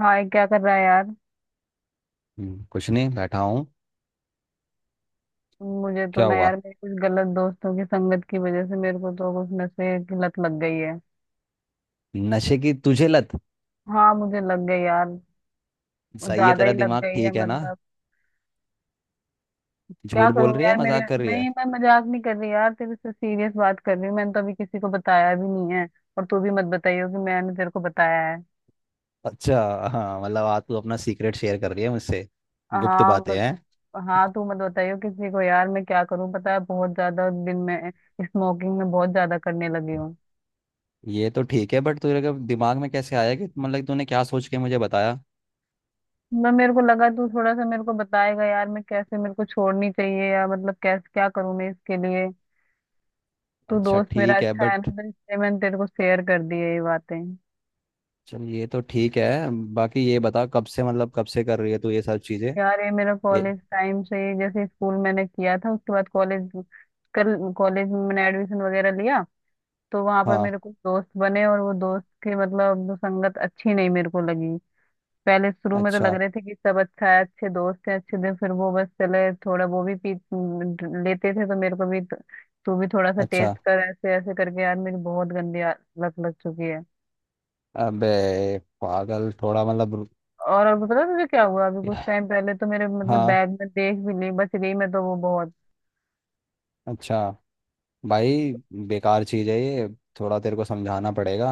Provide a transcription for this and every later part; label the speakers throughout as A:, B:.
A: हाय, क्या कर रहा है यार।
B: कुछ नहीं बैठा हूँ।
A: मुझे तो
B: क्या
A: ना
B: हुआ?
A: यार, मेरे कुछ गलत दोस्तों की संगत की वजह से मेरे को तो कुछ नशे की लत लग गई है।
B: नशे की तुझे लत?
A: हाँ, मुझे लग गई यार।
B: सही है,
A: ज्यादा
B: तेरा
A: ही लग
B: दिमाग
A: गई है
B: ठीक है ना?
A: मतलब। क्या
B: झूठ बोल
A: करूँ
B: रही है,
A: यार मेरे।
B: मजाक कर रही है।
A: नहीं, मैं मजाक नहीं कर रही यार, तेरे से सीरियस बात कर रही हूँ। मैंने तो अभी किसी को बताया भी नहीं है। और तू भी मत बताइयो कि मैंने तेरे को बताया है।
B: अच्छा। हाँ मतलब आज तू अपना सीक्रेट शेयर कर रही है मुझसे। गुप्त
A: हाँ
B: बातें
A: मत,
B: हैं।
A: हाँ तू मत बताइयो किसी को यार। मैं क्या करूँ, पता है बहुत ज्यादा दिन में स्मोकिंग में बहुत ज्यादा करने लगी हूँ।
B: ये तो ठीक है, बट तेरे के दिमाग में कैसे आया कि मतलब तूने क्या सोच के मुझे बताया?
A: मैं, मेरे को लगा तू थोड़ा सा मेरे को बताएगा यार, मैं कैसे मेरे को छोड़नी चाहिए या मतलब कैसे क्या करूं मैं इसके लिए। तू
B: अच्छा,
A: दोस्त मेरा
B: ठीक है
A: अच्छा है
B: बट
A: ना, तो इसलिए मैंने तेरे को शेयर कर दी है ये बातें।
B: चल ये तो ठीक है। बाकी ये बता कब से, मतलब कब से कर रही है तू ये सब चीज़ें?
A: यार ये मेरा
B: ए,
A: कॉलेज टाइम से ही, जैसे स्कूल मैंने किया था उसके बाद कॉलेज, कल कॉलेज में मैंने एडमिशन वगैरह लिया। तो वहां पर
B: हाँ,
A: मेरे कुछ दोस्त बने और वो दोस्त की मतलब संगत अच्छी नहीं मेरे को लगी। पहले शुरू में तो लग
B: अच्छा,
A: रहे थे कि सब अच्छा है, अच्छे दोस्त हैं, अच्छे दिन फिर वो बस चले। थोड़ा वो भी पी लेते थे तो मेरे को भी तू भी थोड़ा सा
B: अच्छा,
A: टेस्ट कर, ऐसे ऐसे करके यार मेरी बहुत गंदी लत लग चुकी है।
B: अबे पागल, थोड़ा मतलब
A: और अब पता है तुझे क्या हुआ, अभी कुछ टाइम पहले तो मेरे मतलब
B: हाँ,
A: बैग में देख भी ली, बच गई मैं तो वो बहुत।
B: अच्छा, भाई बेकार चीज़ है ये। थोड़ा तेरे को समझाना पड़ेगा।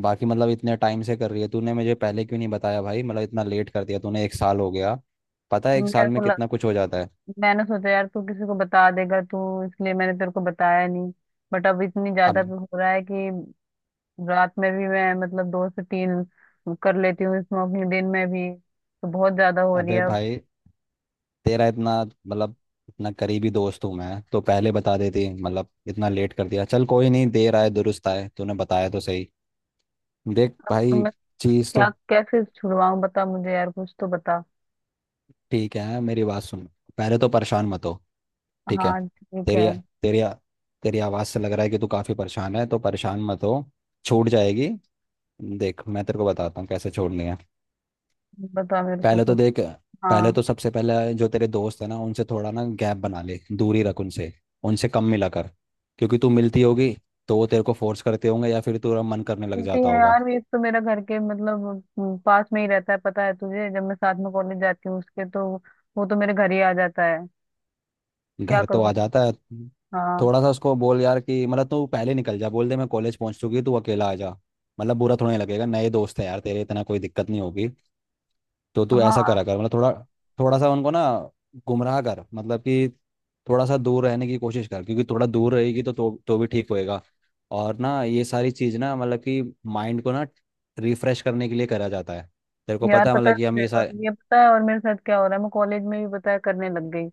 B: बाकी मतलब इतने टाइम से कर रही है, तूने मुझे पहले क्यों नहीं बताया भाई? मतलब इतना लेट कर दिया तूने, एक साल हो गया। पता है एक
A: मेरे
B: साल
A: को
B: में
A: लग,
B: कितना कुछ हो जाता है?
A: मैंने सोचा यार तू किसी को बता देगा, तू इसलिए मैंने तेरे को बताया नहीं। बट अब इतनी ज्यादा
B: अब,
A: हो रहा है कि रात में भी मैं मतलब दो से तीन कर लेती हूँ स्मोकिंग, दिन में भी तो बहुत ज्यादा हो रही
B: अबे
A: है अब।
B: भाई तेरा इतना मतलब इतना करीबी दोस्त हूँ मैं, तो पहले बता देती। मतलब इतना लेट कर दिया। चल कोई नहीं, देर आए दुरुस्त आए, तूने बताया तो सही। देख
A: तो
B: भाई,
A: मैं
B: चीज़ तो
A: क्या, कैसे छुड़वाऊँ, बता मुझे यार, कुछ तो बता।
B: ठीक है, मेरी बात सुन। पहले तो परेशान मत हो, ठीक है?
A: हाँ, ठीक है।
B: तेरी तेरी तेरी आवाज़ से लग रहा है कि तू काफ़ी परेशान है, तो परेशान मत हो, छूट जाएगी। देख मैं तेरे को बताता हूँ कैसे छोड़नी है।
A: बता मेरे को
B: पहले तो
A: कुछ।
B: देख, पहले
A: हाँ।
B: तो सबसे पहले जो तेरे दोस्त है ना, उनसे थोड़ा ना गैप बना ले, दूरी रख उनसे। उनसे कम मिला कर, क्योंकि तू मिलती होगी तो वो तेरे को फोर्स करते होंगे या फिर तेरा मन करने लग
A: मिलती
B: जाता
A: है
B: होगा।
A: यार, ये तो मेरा घर के मतलब पास में ही रहता है, पता है तुझे। जब मैं साथ में कॉलेज जाती हूँ उसके, तो वो तो मेरे घर ही आ जाता है। क्या
B: घर तो
A: करूँ
B: आ
A: मैं।
B: जाता है।
A: हाँ।
B: थोड़ा सा उसको बोल यार कि मतलब तू पहले निकल जा, बोल दे मैं कॉलेज पहुंच चुकी, तू अकेला आ जा। मतलब बुरा थोड़ा नहीं लगेगा, नए दोस्त है यार तेरे, इतना कोई दिक्कत नहीं होगी। तो तू ऐसा
A: हाँ,
B: करा कर मतलब थोड़ा, थोड़ा सा उनको ना गुमराह कर, मतलब कि थोड़ा सा दूर रहने की कोशिश कर। क्योंकि थोड़ा दूर रहेगी तो तो भी ठीक होएगा। और ना ये सारी चीज़ ना मतलब कि माइंड को ना रिफ्रेश करने के लिए करा जाता है। तेरे को
A: यार
B: पता है
A: पता
B: मतलब कि हम
A: है,
B: ये
A: और
B: सारे
A: ये पता है, और मेरे साथ क्या हो रहा है, मैं कॉलेज में भी पता है करने लग गई।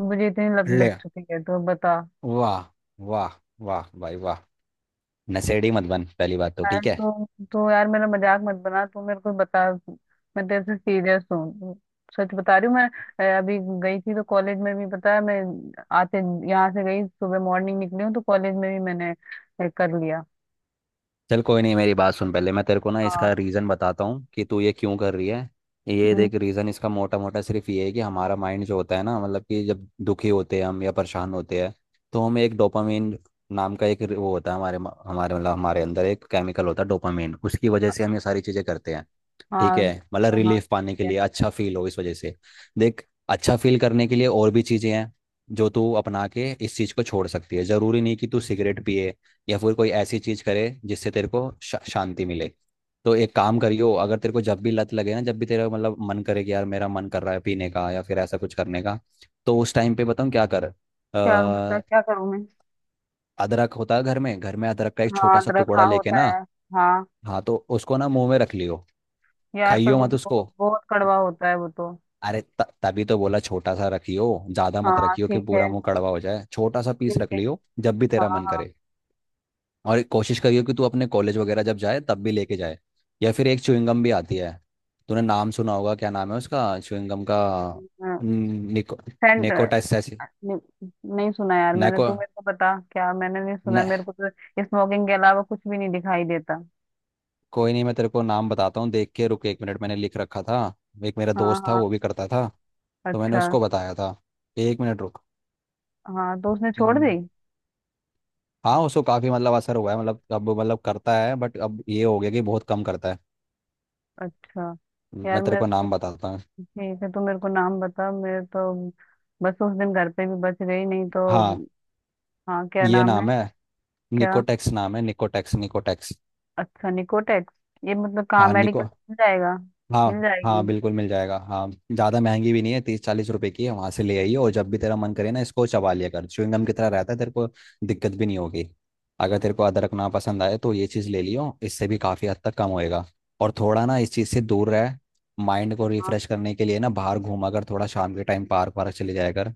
A: मुझे इतनी लत लग
B: ले,
A: चुकी है, तो बता।
B: वाह, वाह, वाह भाई वाह। नशेड़ी मत बन, पहली बात तो
A: यार
B: ठीक है।
A: तो यार मेरा मजाक मत बना, तू मेरे को बता। मैं तेरे से सीरियस हूँ, सच बता रही हूँ मैं। अभी गई थी तो कॉलेज में भी पता है मैं आते, यहाँ से गई सुबह मॉर्निंग निकली हूँ तो कॉलेज में भी मैंने कर लिया।
B: चल कोई नहीं, मेरी बात सुन। पहले मैं तेरे को ना
A: हाँ।
B: इसका रीज़न बताता हूँ कि तू ये क्यों कर रही है। ये
A: हम्म।
B: देख, रीज़न इसका मोटा मोटा सिर्फ ये है कि हमारा माइंड जो होता है ना, मतलब कि जब दुखी होते हैं हम या परेशान होते हैं, तो हम एक डोपामिन नाम का एक वो होता है हमारे, मतलब हमारे अंदर एक केमिकल होता है डोपामिन, उसकी वजह से हम ये सारी चीज़ें करते हैं। ठीक
A: हाँ।
B: है? मतलब
A: हाँ,
B: रिलीफ पाने
A: ठीक
B: के
A: है।
B: लिए, अच्छा फील हो इस वजह से। देख अच्छा फील करने के लिए और भी चीजें हैं, जो तू अपना के इस चीज को छोड़ सकती है। जरूरी नहीं कि तू सिगरेट पिए या फिर कोई ऐसी चीज करे जिससे तेरे को शांति मिले। तो एक काम करियो, अगर तेरे को जब भी लत लगे ना, जब भी तेरा मतलब मन करे कि यार मेरा मन कर रहा है पीने का या फिर ऐसा कुछ करने का, तो उस टाइम पे बताऊँ क्या कर?
A: क्या बता, क्या करूँ मैं।
B: अदरक होता है घर में, घर में अदरक का एक
A: हाँ,
B: छोटा सा
A: अदरक
B: टुकड़ा
A: हाँ
B: लेके
A: होता
B: ना,
A: है। हाँ,
B: हाँ तो उसको ना मुंह में रख लियो।
A: यार पर
B: खाइयो
A: वो
B: मत
A: तो
B: उसको,
A: बहुत कड़वा होता है वो तो।
B: अरे तभी तो बोला छोटा सा रखियो। ज्यादा मत
A: हाँ
B: रखियो कि
A: ठीक है।
B: पूरा मुंह कड़वा हो जाए, छोटा सा पीस
A: ठीक
B: रख
A: है।
B: लियो जब भी तेरा मन
A: हाँ।
B: करे। और कोशिश करियो कि तू अपने कॉलेज वगैरह जब जाए तब भी लेके जाए। या फिर एक च्युइंगम भी आती है, तूने नाम सुना होगा, क्या नाम है उसका च्युइंगम का?
A: हाँ।
B: न- निको
A: सेंट। नहीं,
B: निकोटासेस
A: नहीं सुना यार मैंने,
B: नेको
A: तू मेरे को बता क्या, मैंने नहीं सुना
B: ने,
A: मेरे को तो स्मोकिंग के अलावा कुछ भी नहीं दिखाई देता।
B: कोई नहीं, मैं तेरे को नाम बताता हूँ, देख के, रुक एक मिनट, मैंने लिख रखा था। एक मेरा
A: हाँ
B: दोस्त था,
A: हाँ।
B: वो भी करता था, तो मैंने
A: अच्छा।
B: उसको बताया था। एक मिनट
A: हाँ तो उसने
B: रुक।
A: छोड़ दी।
B: हाँ उसको काफ़ी मतलब असर हुआ है, मतलब अब मतलब करता है बट अब ये हो गया कि बहुत कम करता है।
A: अच्छा। यार
B: मैं तेरे
A: मैं,
B: को नाम बताता हूँ।
A: ठीक है, तू मेरे को नाम बता मेरे तो। बस उस दिन घर पे भी बच गई नहीं तो।
B: हाँ,
A: हाँ, क्या
B: ये
A: नाम है।
B: नाम है,
A: क्या।
B: निकोटेक्स नाम है, निकोटेक्स निकोटेक्स।
A: अच्छा, निकोटेक्स। ये मतलब कहाँ,
B: हाँ
A: मेडिकल
B: निको,
A: मिल जाएगा। मिल
B: हाँ हाँ
A: जाएगी।
B: बिल्कुल मिल जाएगा। हाँ ज़्यादा महंगी भी नहीं है, तीस चालीस रुपए की है, वहाँ से ले आइए। और जब भी तेरा मन करे ना, इसको चबा लिया कर, च्युइंग गम की तरह रहता है, तेरे को दिक्कत भी नहीं होगी। अगर तेरे को अदरक ना पसंद आए तो ये चीज़ ले लियो, इससे भी काफ़ी हद तक कम होएगा। और थोड़ा ना इस चीज़ से दूर रह। माइंड को
A: हाँ,
B: रिफ्रेश करने के लिए ना बाहर घूमा कर, थोड़ा शाम के टाइम पार्क वार्क चले जाया कर।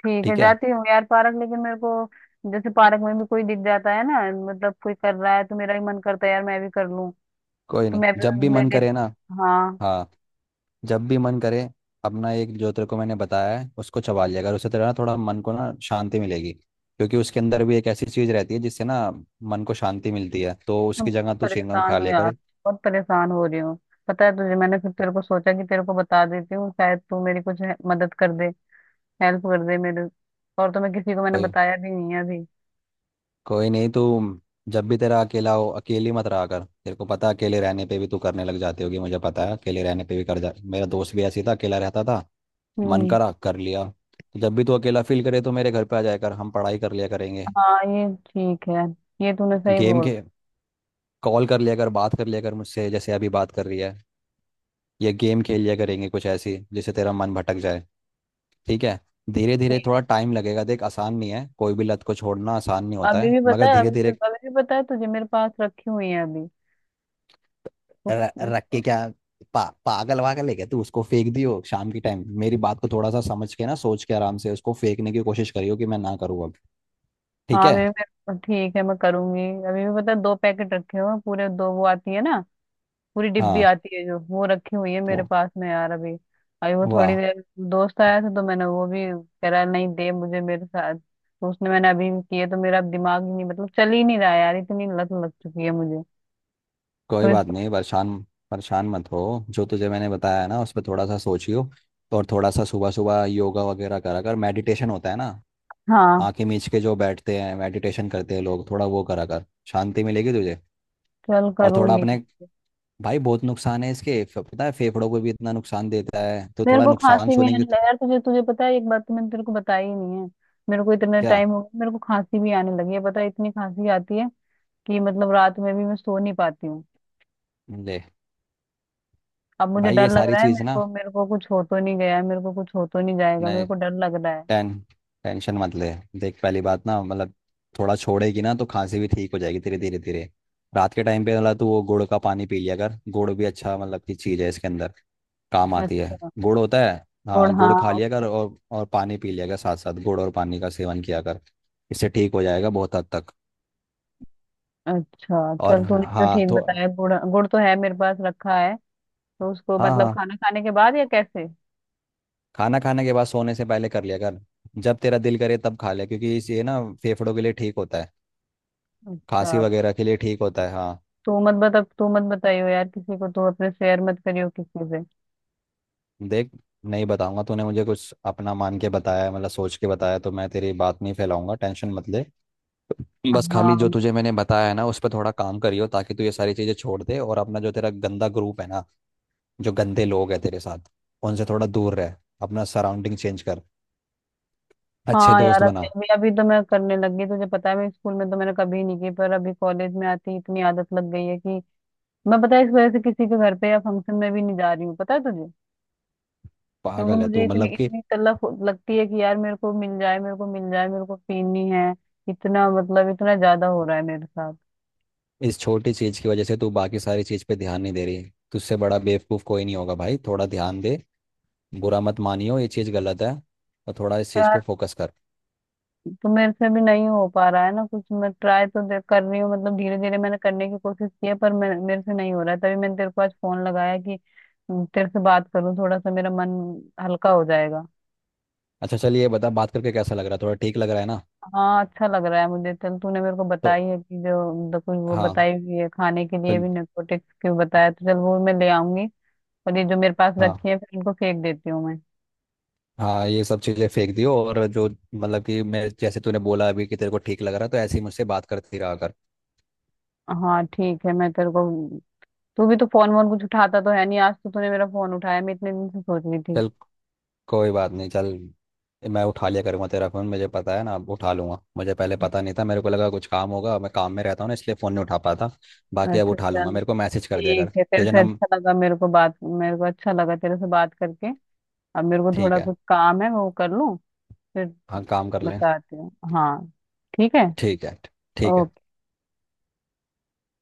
A: ठीक है,
B: ठीक है,
A: जाती हूँ यार पार्क, लेकिन मेरे को जैसे पार्क में भी कोई दिख जाता है ना, मतलब कोई कर रहा है तो मेरा भी मन करता है यार मैं भी कर लूँ,
B: कोई
A: तो मैं
B: नहीं, जब भी
A: भी ले
B: मन
A: ले।
B: करे ना,
A: हाँ।
B: हाँ जब भी मन करे अपना एक जो तेरे को मैंने बताया है उसको चबा लिया कर, उससे तेरा ना थोड़ा मन को ना शांति मिलेगी, क्योंकि उसके अंदर भी एक ऐसी चीज रहती है जिससे ना मन को शांति मिलती है। तो
A: मैं
B: उसकी
A: बहुत
B: जगह तू चिंगम खा
A: परेशान हूँ
B: लिया
A: यार,
B: कर।
A: बहुत परेशान हो रही हूँ। पता है तुझे, मैंने फिर तेरे को सोचा कि तेरे को बता देती हूँ शायद तू मेरी कुछ मदद कर दे, हेल्प कर दे मेरे। और तो मैं किसी को, मैंने
B: कोई
A: बताया भी नहीं है अभी।
B: कोई नहीं तू जब भी तेरा अकेला हो, अकेली मत रहा कर। तेरे को पता है, अकेले रहने पे भी तू करने लग जाती होगी, मुझे पता है अकेले रहने पे भी कर जा, मेरा दोस्त भी ऐसी था, अकेला रहता था, मन
A: हम्म।
B: करा कर लिया। तो जब भी तू अकेला फील करे तो मेरे घर पे आ जाया कर, हम पढ़ाई कर लिया करेंगे।
A: हाँ ये ठीक है, ये तूने सही
B: गेम
A: बोला।
B: खे कॉल कर लिया कर, बात कर लिया कर मुझसे, जैसे अभी बात कर रही है। या गेम खेल लिया करेंगे कुछ ऐसी जिससे तेरा मन भटक जाए। ठीक है? धीरे धीरे
A: ठीक।
B: थोड़ा टाइम लगेगा, देख आसान नहीं है, कोई भी लत को छोड़ना आसान नहीं होता
A: अभी
B: है,
A: भी पता
B: मगर
A: है,
B: धीरे
A: अभी
B: धीरे।
A: अभी भी पता है तुझे, मेरे पास रखी हुई है अभी।
B: रख के क्या? पागल वागल है क्या तू? उसको फेंक दियो, शाम के टाइम मेरी बात को थोड़ा सा समझ के ना, सोच के आराम से उसको फेंकने की कोशिश करियो, कि मैं ना करूँ अब, ठीक
A: हाँ
B: है?
A: अभी भी। मेरे, ठीक है, मैं करूंगी। अभी भी पता है, दो पैकेट रखे हुए हैं पूरे दो, वो आती है ना पूरी डिब्बी
B: हाँ,
A: आती है, जो वो रखी हुई है मेरे
B: वो-
A: पास में यार अभी। अभी वो थोड़ी
B: वाह,
A: देर दोस्त आया था तो मैंने, वो भी कह रहा नहीं दे मुझे मेरे साथ, तो उसने, मैंने अभी भी किए तो मेरा अब दिमाग ही नहीं मतलब चल ही नहीं रहा यार, इतनी लत लग चुकी है मुझे। तो
B: कोई बात
A: इसको।
B: नहीं, परेशान, परेशान मत हो। जो तुझे मैंने बताया है ना उस पर थोड़ा सा सोचियो। और थोड़ा सा सुबह सुबह योगा वगैरह करा कर, मेडिटेशन होता है ना,
A: हाँ,
B: आंखें मीच के जो बैठते हैं, मेडिटेशन करते हैं लोग, थोड़ा वो करा कर, शांति मिलेगी तुझे।
A: चल
B: और थोड़ा
A: करूंगी।
B: अपने भाई, बहुत नुकसान है इसके, पता है फेफड़ों को भी इतना नुकसान देता है, तो
A: मेरे
B: थोड़ा
A: को
B: नुकसान
A: खांसी भी आने
B: सुनेंगे तो
A: लगा यार, तुझे तुझे पता है, एक बात तो मैंने तेरे को बताई ही नहीं है। मेरे को इतना
B: क्या?
A: टाइम हो गया, मेरे को खांसी भी आने लगी है, पता है इतनी खांसी आती है कि मतलब रात में भी मैं सो नहीं पाती हूँ।
B: ले
A: अब मुझे
B: भाई,
A: डर
B: ये
A: लग
B: सारी
A: रहा है,
B: चीज़
A: मेरे को, मेरे को कुछ हो तो नहीं गया है, मेरे को कुछ हो तो नहीं जाएगा,
B: ना,
A: मेरे को डर लग रहा है।
B: टें टेंशन मत ले। देख पहली बात ना मतलब थोड़ा छोड़ेगी ना तो खांसी भी ठीक हो जाएगी, धीरे धीरे धीरे। रात के टाइम पे मतलब तू वो गुड़ का पानी पी लिया कर, गुड़ भी अच्छा मतलब की चीज़ है, इसके अंदर काम आती है।
A: अच्छा।
B: गुड़ होता है,
A: गुड़
B: हाँ गुड़ खा
A: हाँ।
B: लिया कर, और पानी पी लिया कर, साथ साथ गुड़ और पानी का सेवन किया कर, इससे ठीक हो जाएगा बहुत हद तक।
A: अच्छा
B: और
A: चल, तूने तो
B: हाँ
A: ठीक
B: तो,
A: बताया। गुड़, गुड़ तो है मेरे पास रखा है। तो उसको
B: हाँ
A: मतलब
B: हाँ
A: खाना खाने के बाद या कैसे।
B: खाना खाने के बाद सोने से पहले कर लिया कर, जब तेरा दिल करे तब खा ले, क्योंकि ये ना फेफड़ों के लिए ठीक होता है,
A: अच्छा।
B: खांसी वगैरह के लिए ठीक होता है, हाँ।
A: तू मत बता, तू मत बताइयो यार किसी को, तू अपने शेयर मत करियो किसी से।
B: देख नहीं बताऊंगा, तूने मुझे कुछ अपना मान के बताया है, मतलब सोच के बताया, तो मैं तेरी बात नहीं फैलाऊंगा, टेंशन मत ले। बस खाली जो
A: हाँ।
B: तुझे मैंने बताया है ना उस पर थोड़ा काम करियो, ताकि तू ये सारी चीज़ें छोड़ दे। और अपना जो तेरा गंदा ग्रुप है ना, जो गंदे लोग हैं तेरे साथ, उनसे थोड़ा दूर रह, अपना सराउंडिंग चेंज कर, अच्छे
A: हाँ यार,
B: दोस्त
A: अभी
B: बना।
A: अभी अभी तो मैं करने लग गई, तुझे पता है मैं स्कूल में तो मैंने कभी नहीं की, पर अभी कॉलेज में आती इतनी आदत लग गई है कि मैं, पता है इस वजह से किसी के घर पे या फंक्शन में भी नहीं जा रही हूँ, पता है तुझे, क्योंकि
B: पागल है
A: मुझे
B: तू,
A: इतनी
B: मतलब कि
A: इतनी तलब लगती है कि यार मेरे को मिल जाए, मेरे को मिल जाए, मेरे को पीनी है, इतना मतलब इतना ज्यादा हो रहा है मेरे साथ।
B: इस छोटी चीज़ की वजह से तू बाकी सारी चीज़ पे ध्यान नहीं दे रही। तुझसे बड़ा बेवकूफ़ कोई नहीं होगा भाई, थोड़ा ध्यान दे। बुरा मत मानियो, ये चीज़ गलत है, और थोड़ा इस चीज़
A: यार
B: पे फोकस कर।
A: तो मेरे से भी नहीं हो पा रहा है ना कुछ, मैं ट्राई तो कर रही हूँ, मतलब धीरे धीरे मैंने करने की कोशिश की है पर मेरे से नहीं हो रहा है, तभी मैंने तेरे को आज फोन लगाया कि तेरे से बात करूँ, थोड़ा सा मेरा मन हल्का हो जाएगा।
B: अच्छा चलिए, बता बात करके कैसा लग रहा है? थोड़ा ठीक लग रहा है ना?
A: हाँ अच्छा लग रहा है मुझे। चल तूने मेरे को बताई
B: तो
A: है कि जो जो कुछ वो
B: हाँ
A: बताई हुई है खाने के
B: तो,
A: लिए भी narcotics की बताया, तो चल वो मैं ले आऊंगी। और ये जो मेरे पास
B: हाँ
A: रखी है फिर इनको फेंक देती हूँ मैं।
B: हाँ ये सब चीज़ें फेंक दियो। और जो मतलब कि मैं जैसे तूने बोला अभी कि तेरे को ठीक लग रहा है, तो ऐसे ही मुझसे बात करती रहा कर।
A: हाँ ठीक है, मैं तेरे को। तू भी तो फोन वोन कुछ उठाता तो है नहीं, आज तो तूने मेरा फोन उठाया, मैं इतने दिन से सोच रही थी।
B: चल, कोई बात नहीं, चल मैं उठा लिया करूँगा तेरा फ़ोन, मुझे पता है ना अब उठा लूँगा। मुझे पहले पता नहीं था, मेरे को लगा कुछ काम होगा, मैं काम में रहता हूँ ना इसलिए फ़ोन नहीं उठा पाता। बाकी अब
A: अच्छा
B: उठा लूँगा,
A: चल,
B: मेरे को मैसेज कर दिया कर।
A: ठीक है, तेरे
B: तुझे
A: से
B: नम,
A: अच्छा लगा, मेरे को बात मेरे को अच्छा लगा तेरे से बात करके। अब मेरे को
B: ठीक
A: थोड़ा
B: है,
A: कुछ काम है वो कर लूँ, फिर
B: हाँ काम कर लें,
A: बताती हूँ हाँ। ठीक है।
B: ठीक है, ठीक है।
A: ओके।